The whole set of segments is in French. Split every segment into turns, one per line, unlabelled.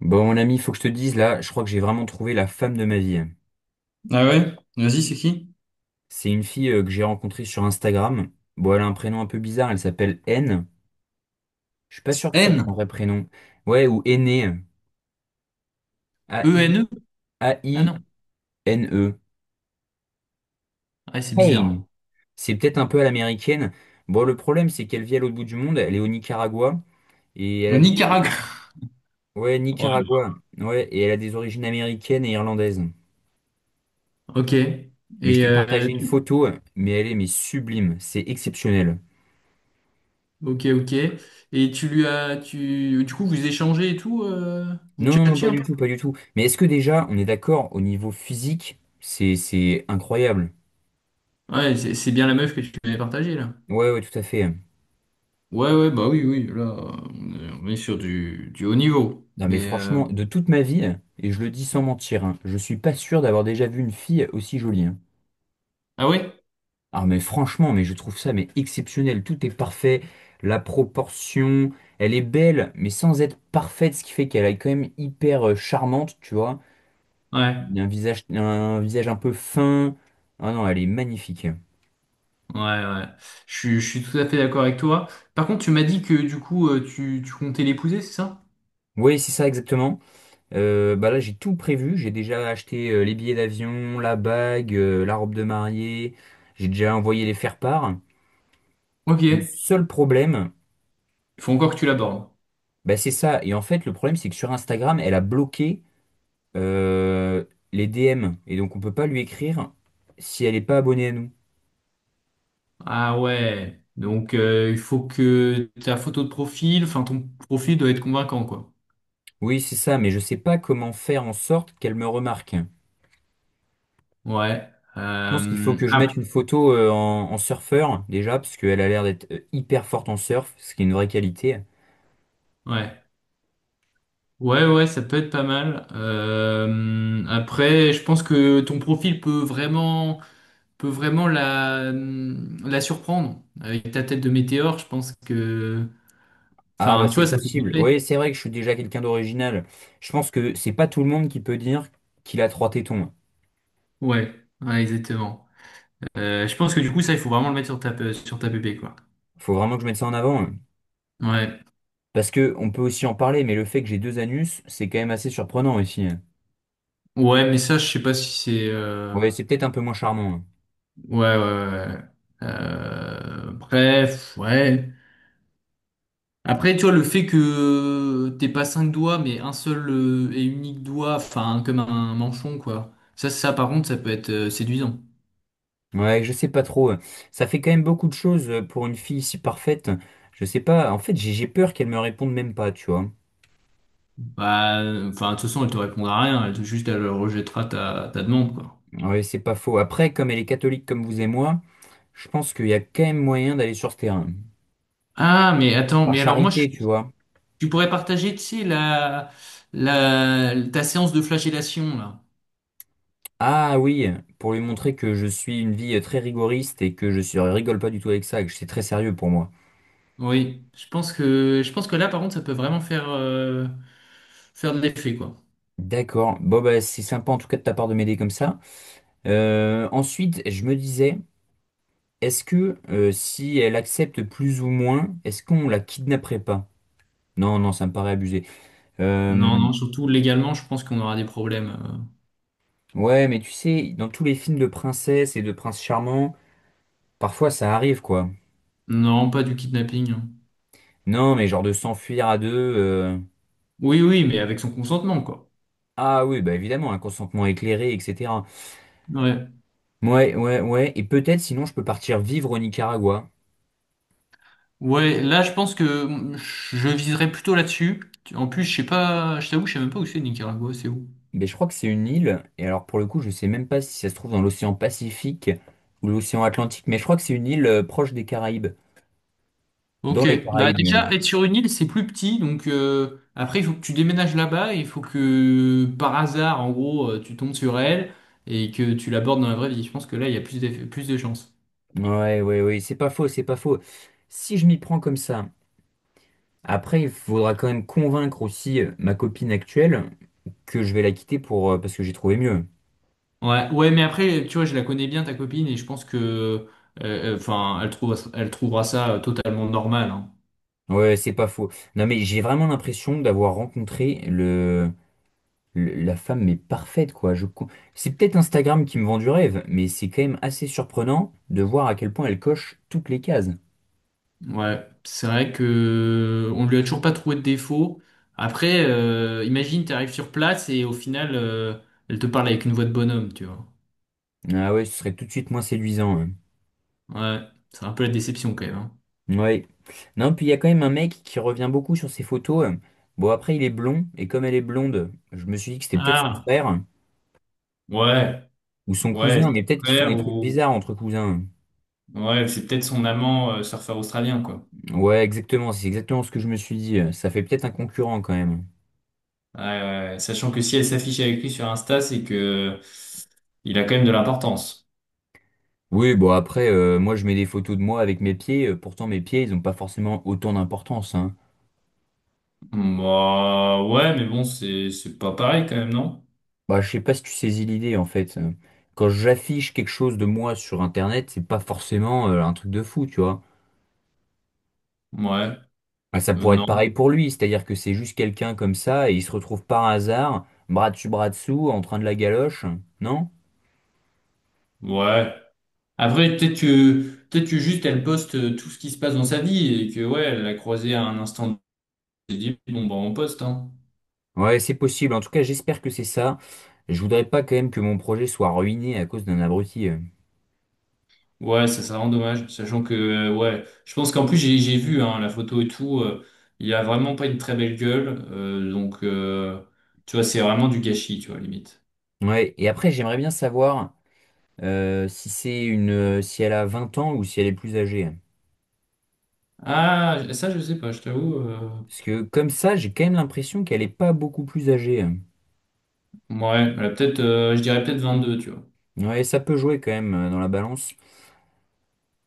Bon, mon ami, faut que je te dise là, je crois que j'ai vraiment trouvé la femme de ma vie.
Ah ouais? Vas-y, c'est qui?
C'est une fille que j'ai rencontrée sur Instagram. Bon, elle a un prénom un peu bizarre, elle s'appelle N. Je suis pas sûr que ce soit son
N?
vrai prénom. Ouais, ou Aîné. A-I,
ENE? Ah
A-I-N-E.
non. Ah, c'est
Aine.
bizarre.
C'est peut-être un peu à l'américaine. Bon, le problème, c'est qu'elle vit à l'autre bout du monde, elle est au Nicaragua, et elle
Au
a des origines.
Nicaragua.
Ouais,
Ouais.
Nicaragua. Ouais, et elle a des origines américaines et irlandaises.
Ok.
Mais je t'ai partagé une photo, mais elle est mais sublime, c'est exceptionnel.
Ok, ok. Et tu lui as... Tu... Du coup, vous échangez et tout, vous
Non, non, non,
tchatchez
pas
un
du
peu?
tout, pas du tout. Mais est-ce que déjà, on est d'accord, au niveau physique, c'est incroyable.
Ouais, c'est bien la meuf que tu m'avais partagée, là.
Ouais, ouais, tout à fait.
Ouais, ouais, bah oui, oui, là, on est sur du haut niveau.
Non, mais franchement, de toute ma vie, et je le dis sans mentir, hein, je suis pas sûr d'avoir déjà vu une fille aussi jolie, hein.
Ah ouais?
Ah, mais franchement, mais je trouve ça mais exceptionnel. Tout est parfait. La proportion, elle est belle, mais sans être parfaite, ce qui fait qu'elle est quand même hyper charmante, tu vois. Il
Ouais,
y a un visage, un visage un peu fin. Ah non, elle est magnifique.
ouais, ouais. Je suis tout à fait d'accord avec toi. Par contre, tu m'as dit que du coup, tu comptais l'épouser, c'est ça?
Oui, c'est ça exactement. Bah là, j'ai tout prévu. J'ai déjà acheté les billets d'avion, la bague, la robe de mariée. J'ai déjà envoyé les faire-part.
Ok.
Le seul problème,
Il faut encore que tu l'abordes.
bah, c'est ça. Et en fait, le problème, c'est que sur Instagram, elle a bloqué euh, les DM. Et donc, on peut pas lui écrire si elle n'est pas abonnée à nous.
Ah ouais. Donc, il faut que ta photo de profil, enfin, ton profil doit être convaincant, quoi.
Oui, c'est ça, mais je sais pas comment faire en sorte qu'elle me remarque. Je
Ouais.
pense qu'il faut que je
Ah,
mette une photo en, en surfeur, déjà, parce qu'elle a l'air d'être hyper forte en surf, ce qui est une vraie qualité.
ouais. Ouais, ouais, ça peut être pas mal. Après, je pense que ton profil peut vraiment, peut vraiment la surprendre. Avec ta tête de météore, je pense que,
Ah bah
enfin, tu
c'est
vois, ça fait
possible. Oui,
kiffer.
c'est vrai que je suis déjà quelqu'un d'original. Je pense que c'est pas tout le monde qui peut dire qu'il a trois tétons.
Ouais, ouais, exactement. Je pense que du coup, ça, il faut vraiment le mettre sur ta, pépé, quoi.
Faut vraiment que je mette ça en avant, hein.
Ouais.
Parce que on peut aussi en parler, mais le fait que j'ai deux anus, c'est quand même assez surprenant aussi, hein.
Ouais, mais ça, je sais pas si c'est,
Ouais, c'est peut-être un peu moins charmant, hein.
ouais, ouais, ouais, ouais. Bref, ouais. Après, tu vois, le fait que t'aies pas cinq doigts, mais un seul, et unique doigt, enfin, comme un manchon, quoi. Ça, par contre, ça peut être, séduisant.
Ouais, je sais pas trop, hein. Ça fait quand même beaucoup de choses pour une fille si parfaite. Je sais pas. En fait, j'ai peur qu'elle me réponde même pas, tu vois.
Bah, enfin, de toute façon, elle te répondra à rien. Juste, elle rejettera ta, demande, quoi.
Ouais, c'est pas faux. Après, comme elle est catholique comme vous et moi, je pense qu'il y a quand même moyen d'aller sur ce terrain.
Ah, mais attends,
Par
mais alors moi,
charité, tu vois.
tu pourrais partager, tu sais, ta séance de flagellation, là.
Ah oui, pour lui montrer que je suis une vie très rigoriste et que je suis, rigole pas du tout avec ça, et que c'est très sérieux pour moi.
Oui, je pense que là, par contre, ça peut vraiment faire de l'effet, quoi.
D'accord. Bon, bah, c'est sympa en tout cas de ta part de m'aider comme ça. Ensuite, je me disais, est-ce que si elle accepte plus ou moins, est-ce qu'on la kidnapperait pas? Non, non, ça me paraît abusé. Euh,
Non, non, surtout légalement, je pense qu'on aura des problèmes.
ouais, mais tu sais, dans tous les films de princesses et de princes charmants, parfois ça arrive quoi.
Non, pas du kidnapping, hein.
Non, mais genre de s'enfuir à deux. euh,
Oui, oui, mais avec son consentement, quoi.
Ah oui, bah évidemment, un consentement éclairé, etc.
Ouais.
Ouais, ouais, ouais. Et peut-être sinon je peux partir vivre au Nicaragua.
Ouais, là, je pense que je viserais plutôt là-dessus. En plus, je sais pas, je t'avoue, je sais même pas où c'est Nicaragua, c'est où?
Mais je crois que c'est une île. Et alors pour le coup, je sais même pas si ça se trouve dans l'océan Pacifique ou l'océan Atlantique. Mais je crois que c'est une île proche des Caraïbes. Dans
Ok,
les
bah
Caraïbes même.
déjà être sur une île c'est plus petit donc, après il faut que tu déménages là-bas et il faut que par hasard en gros, tu tombes sur elle et que tu l'abordes dans la vraie vie. Je pense que là il y a plus de, chances.
Ouais, ouais, ouais. C'est pas faux, c'est pas faux. Si je m'y prends comme ça, après il faudra quand même convaincre aussi ma copine actuelle que je vais la quitter pour parce que j'ai trouvé mieux.
Ouais, ouais mais après tu vois je la connais bien ta copine et je pense que, enfin elle trouvera ça, totalement normal, hein.
Ouais, c'est pas faux. Non mais j'ai vraiment l'impression d'avoir rencontré la femme mais parfaite quoi. C'est peut-être Instagram qui me vend du rêve, mais c'est quand même assez surprenant de voir à quel point elle coche toutes les cases.
Ouais, c'est vrai que on lui a toujours pas trouvé de défaut. Après, imagine t'arrives sur place et au final, elle te parle avec une voix de bonhomme tu vois.
Ah ouais, ce serait tout de suite moins séduisant, hein.
Ouais, c'est un peu la déception quand même, hein.
Ouais. Non, puis il y a quand même un mec qui revient beaucoup sur ses photos. Bon, après, il est blond, et comme elle est blonde, je me suis dit que c'était peut-être son
Ah,
frère
ouais,
ou son
ouais,
cousin,
c'est
mais
son
peut-être qu'ils font
frère
des trucs
ou
bizarres entre cousins.
ouais, c'est peut-être son amant, surfeur australien quoi.
Ouais, exactement, c'est exactement ce que je me suis dit. Ça fait peut-être un concurrent quand même.
Ouais, ouais, ouais. Sachant que si elle s'affiche avec lui sur Insta, c'est que il a quand même de l'importance.
Oui, bon après, moi je mets des photos de moi avec mes pieds, pourtant mes pieds, ils n'ont pas forcément autant d'importance, hein.
Bah ouais, mais bon, c'est pas pareil quand même, non?
Bah, je sais pas si tu saisis l'idée en fait. Quand j'affiche quelque chose de moi sur Internet, c'est pas forcément un truc de fou, tu vois.
Ouais,
Bah, ça pourrait être
non,
pareil pour lui, c'est-à-dire que c'est juste quelqu'un comme ça et il se retrouve par hasard, bras dessus, bras dessous, en train de la galoche, non?
ouais. Après, peut-être que juste elle poste, tout ce qui se passe dans sa vie et que ouais, elle l'a croisé à un instant. Elle s'est dit bon bah on poste hein.
Ouais, c'est possible, en tout cas j'espère que c'est ça. Je voudrais pas quand même que mon projet soit ruiné à cause d'un abruti.
Ouais, ça c'est vraiment dommage, sachant que, ouais, je pense qu'en plus j'ai vu hein, la photo et tout, il a vraiment pas une très belle gueule, donc, tu vois c'est vraiment du gâchis, tu vois limite.
Ouais, et après j'aimerais bien savoir. Si c'est une, si elle a 20 ans ou si elle est plus âgée.
Ah ça je sais pas, je t'avoue,
Parce que comme ça, j'ai quand même l'impression qu'elle est pas beaucoup plus âgée.
ouais, elle a peut-être, je dirais peut-être 22, tu vois.
Ouais, ça peut jouer quand même dans la balance.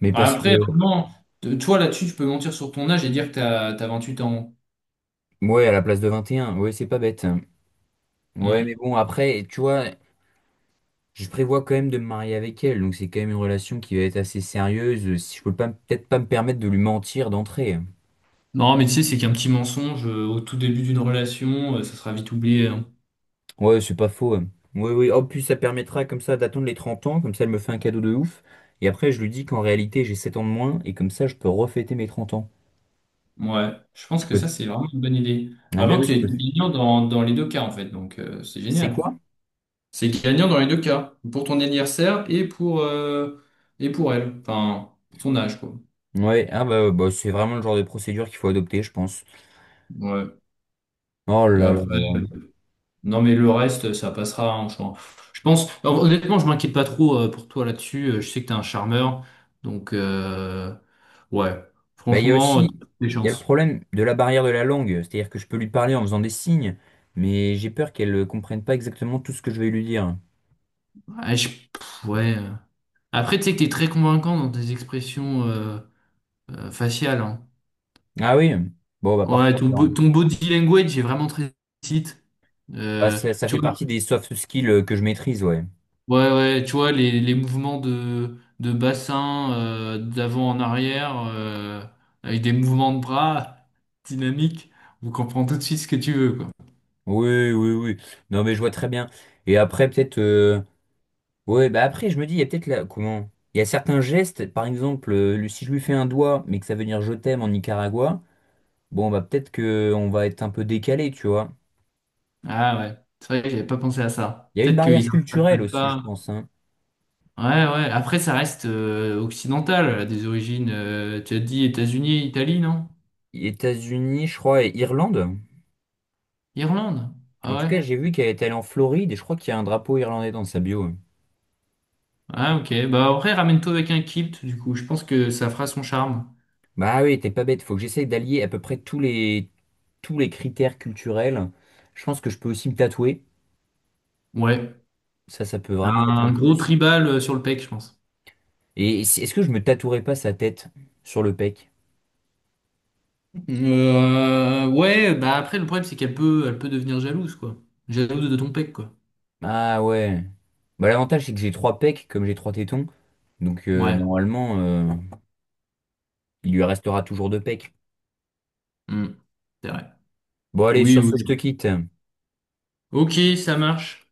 Mais
Bah,
parce que,
après vraiment, toi là-dessus tu peux mentir sur ton âge et dire que t'as 28 ans.
ouais, à la place de 21 ouais, c'est pas bête. Ouais, mais
Hmm.
bon, après, tu vois, je prévois quand même de me marier avec elle. Donc c'est quand même une relation qui va être assez sérieuse. Si je peux pas, peut-être pas me permettre de lui mentir d'entrée.
Non mais tu sais c'est qu'un petit mensonge, au tout début d'une relation, ça sera vite oublié, hein.
Ouais, c'est pas faux, hein. Oui, oui. En plus, ça permettra comme ça d'attendre les 30 ans, comme ça elle me fait un cadeau de ouf. Et après, je lui dis qu'en réalité, j'ai 7 ans de moins, et comme ça, je peux refêter mes 30 ans.
Ouais, je pense
Je
que
peux
ça, c'est vraiment une bonne idée.
Ah ben
Vraiment,
oui,
tu
je
es
peux.
gagnant dans les deux cas, en fait. Donc, c'est
C'est
génial.
quoi?
C'est gagnant dans les deux cas. Pour ton anniversaire et pour elle. Enfin, pour son âge, quoi.
Ouais, ah bah, bah, c'est vraiment le genre de procédure qu'il faut adopter, je pense.
Ouais.
Oh
Et
là là
après,
là là.
non, mais le reste, ça passera, hein, je pense, alors, honnêtement, je m'inquiète pas trop, pour toi là-dessus. Je sais que t'es un charmeur. Donc, ouais.
Bah, il y a
Franchement,
aussi,
des
il y a le
chances.
problème de la barrière de la langue, c'est-à-dire que je peux lui parler en faisant des signes, mais j'ai peur qu'elle ne comprenne pas exactement tout ce que je vais lui dire.
Ouais, ouais. Après, tu sais que t'es très convaincant dans tes expressions, faciales, hein.
Ah oui? Bon, bah
Ouais,
parfait
ton, bo-
alors.
ton body language est vraiment très site.
Bah,
Euh,
ça
tu
fait
vois,
partie des soft skills que je maîtrise, ouais.
ouais, ouais, tu vois les, mouvements de bassin, d'avant en arrière, avec des mouvements de bras dynamiques, on comprend tout de suite ce que tu veux, quoi.
Oui, oui, oui. Non, mais je vois très bien. Et après, peut-être. Ouais, bah après, je me dis, il y a peut-être là. Comment? Il y a certains gestes, par exemple, si je lui fais un doigt, mais que ça veut dire je t'aime en Nicaragua, bon, bah peut-être que on va être un peu décalé, tu vois.
Ah ouais, c'est vrai que j'avais pas pensé à ça.
Il y a une
Peut-être
barrière
qu'ils
culturelle
interprètent
aussi, je
pas.
pense, hein.
Ouais, ouais. Après, ça reste, occidental, là, des origines. Tu as dit États-Unis, Italie, non?
États-Unis, je crois, et Irlande.
Irlande. Ah
En tout
ouais.
cas, j'ai vu qu'elle est allée en Floride et je crois qu'il y a un drapeau irlandais dans sa bio.
Ah ok, bah en vrai ramène-toi avec un kilt du coup, je pense que ça fera son charme.
Bah oui, t'es pas bête, faut que j'essaye d'allier à peu près tous les critères culturels. Je pense que je peux aussi me tatouer.
Ouais,
Ça peut vraiment être un
un gros
plus.
tribal, sur le pec, je pense.
Et si, est-ce que je me tatouerais pas sa tête sur le pec?
Ouais, bah après le problème c'est qu'elle peut, devenir jalouse quoi, jalouse de ton pec quoi.
Ah ouais. Bah, l'avantage, c'est que j'ai trois pecs, comme j'ai trois tétons. Donc,
Ouais.
normalement, il lui restera toujours deux pecs.
Hmm. C'est vrai.
Bon, allez,
Oui
sur ce, je
oui.
te quitte.
Ok, ça marche.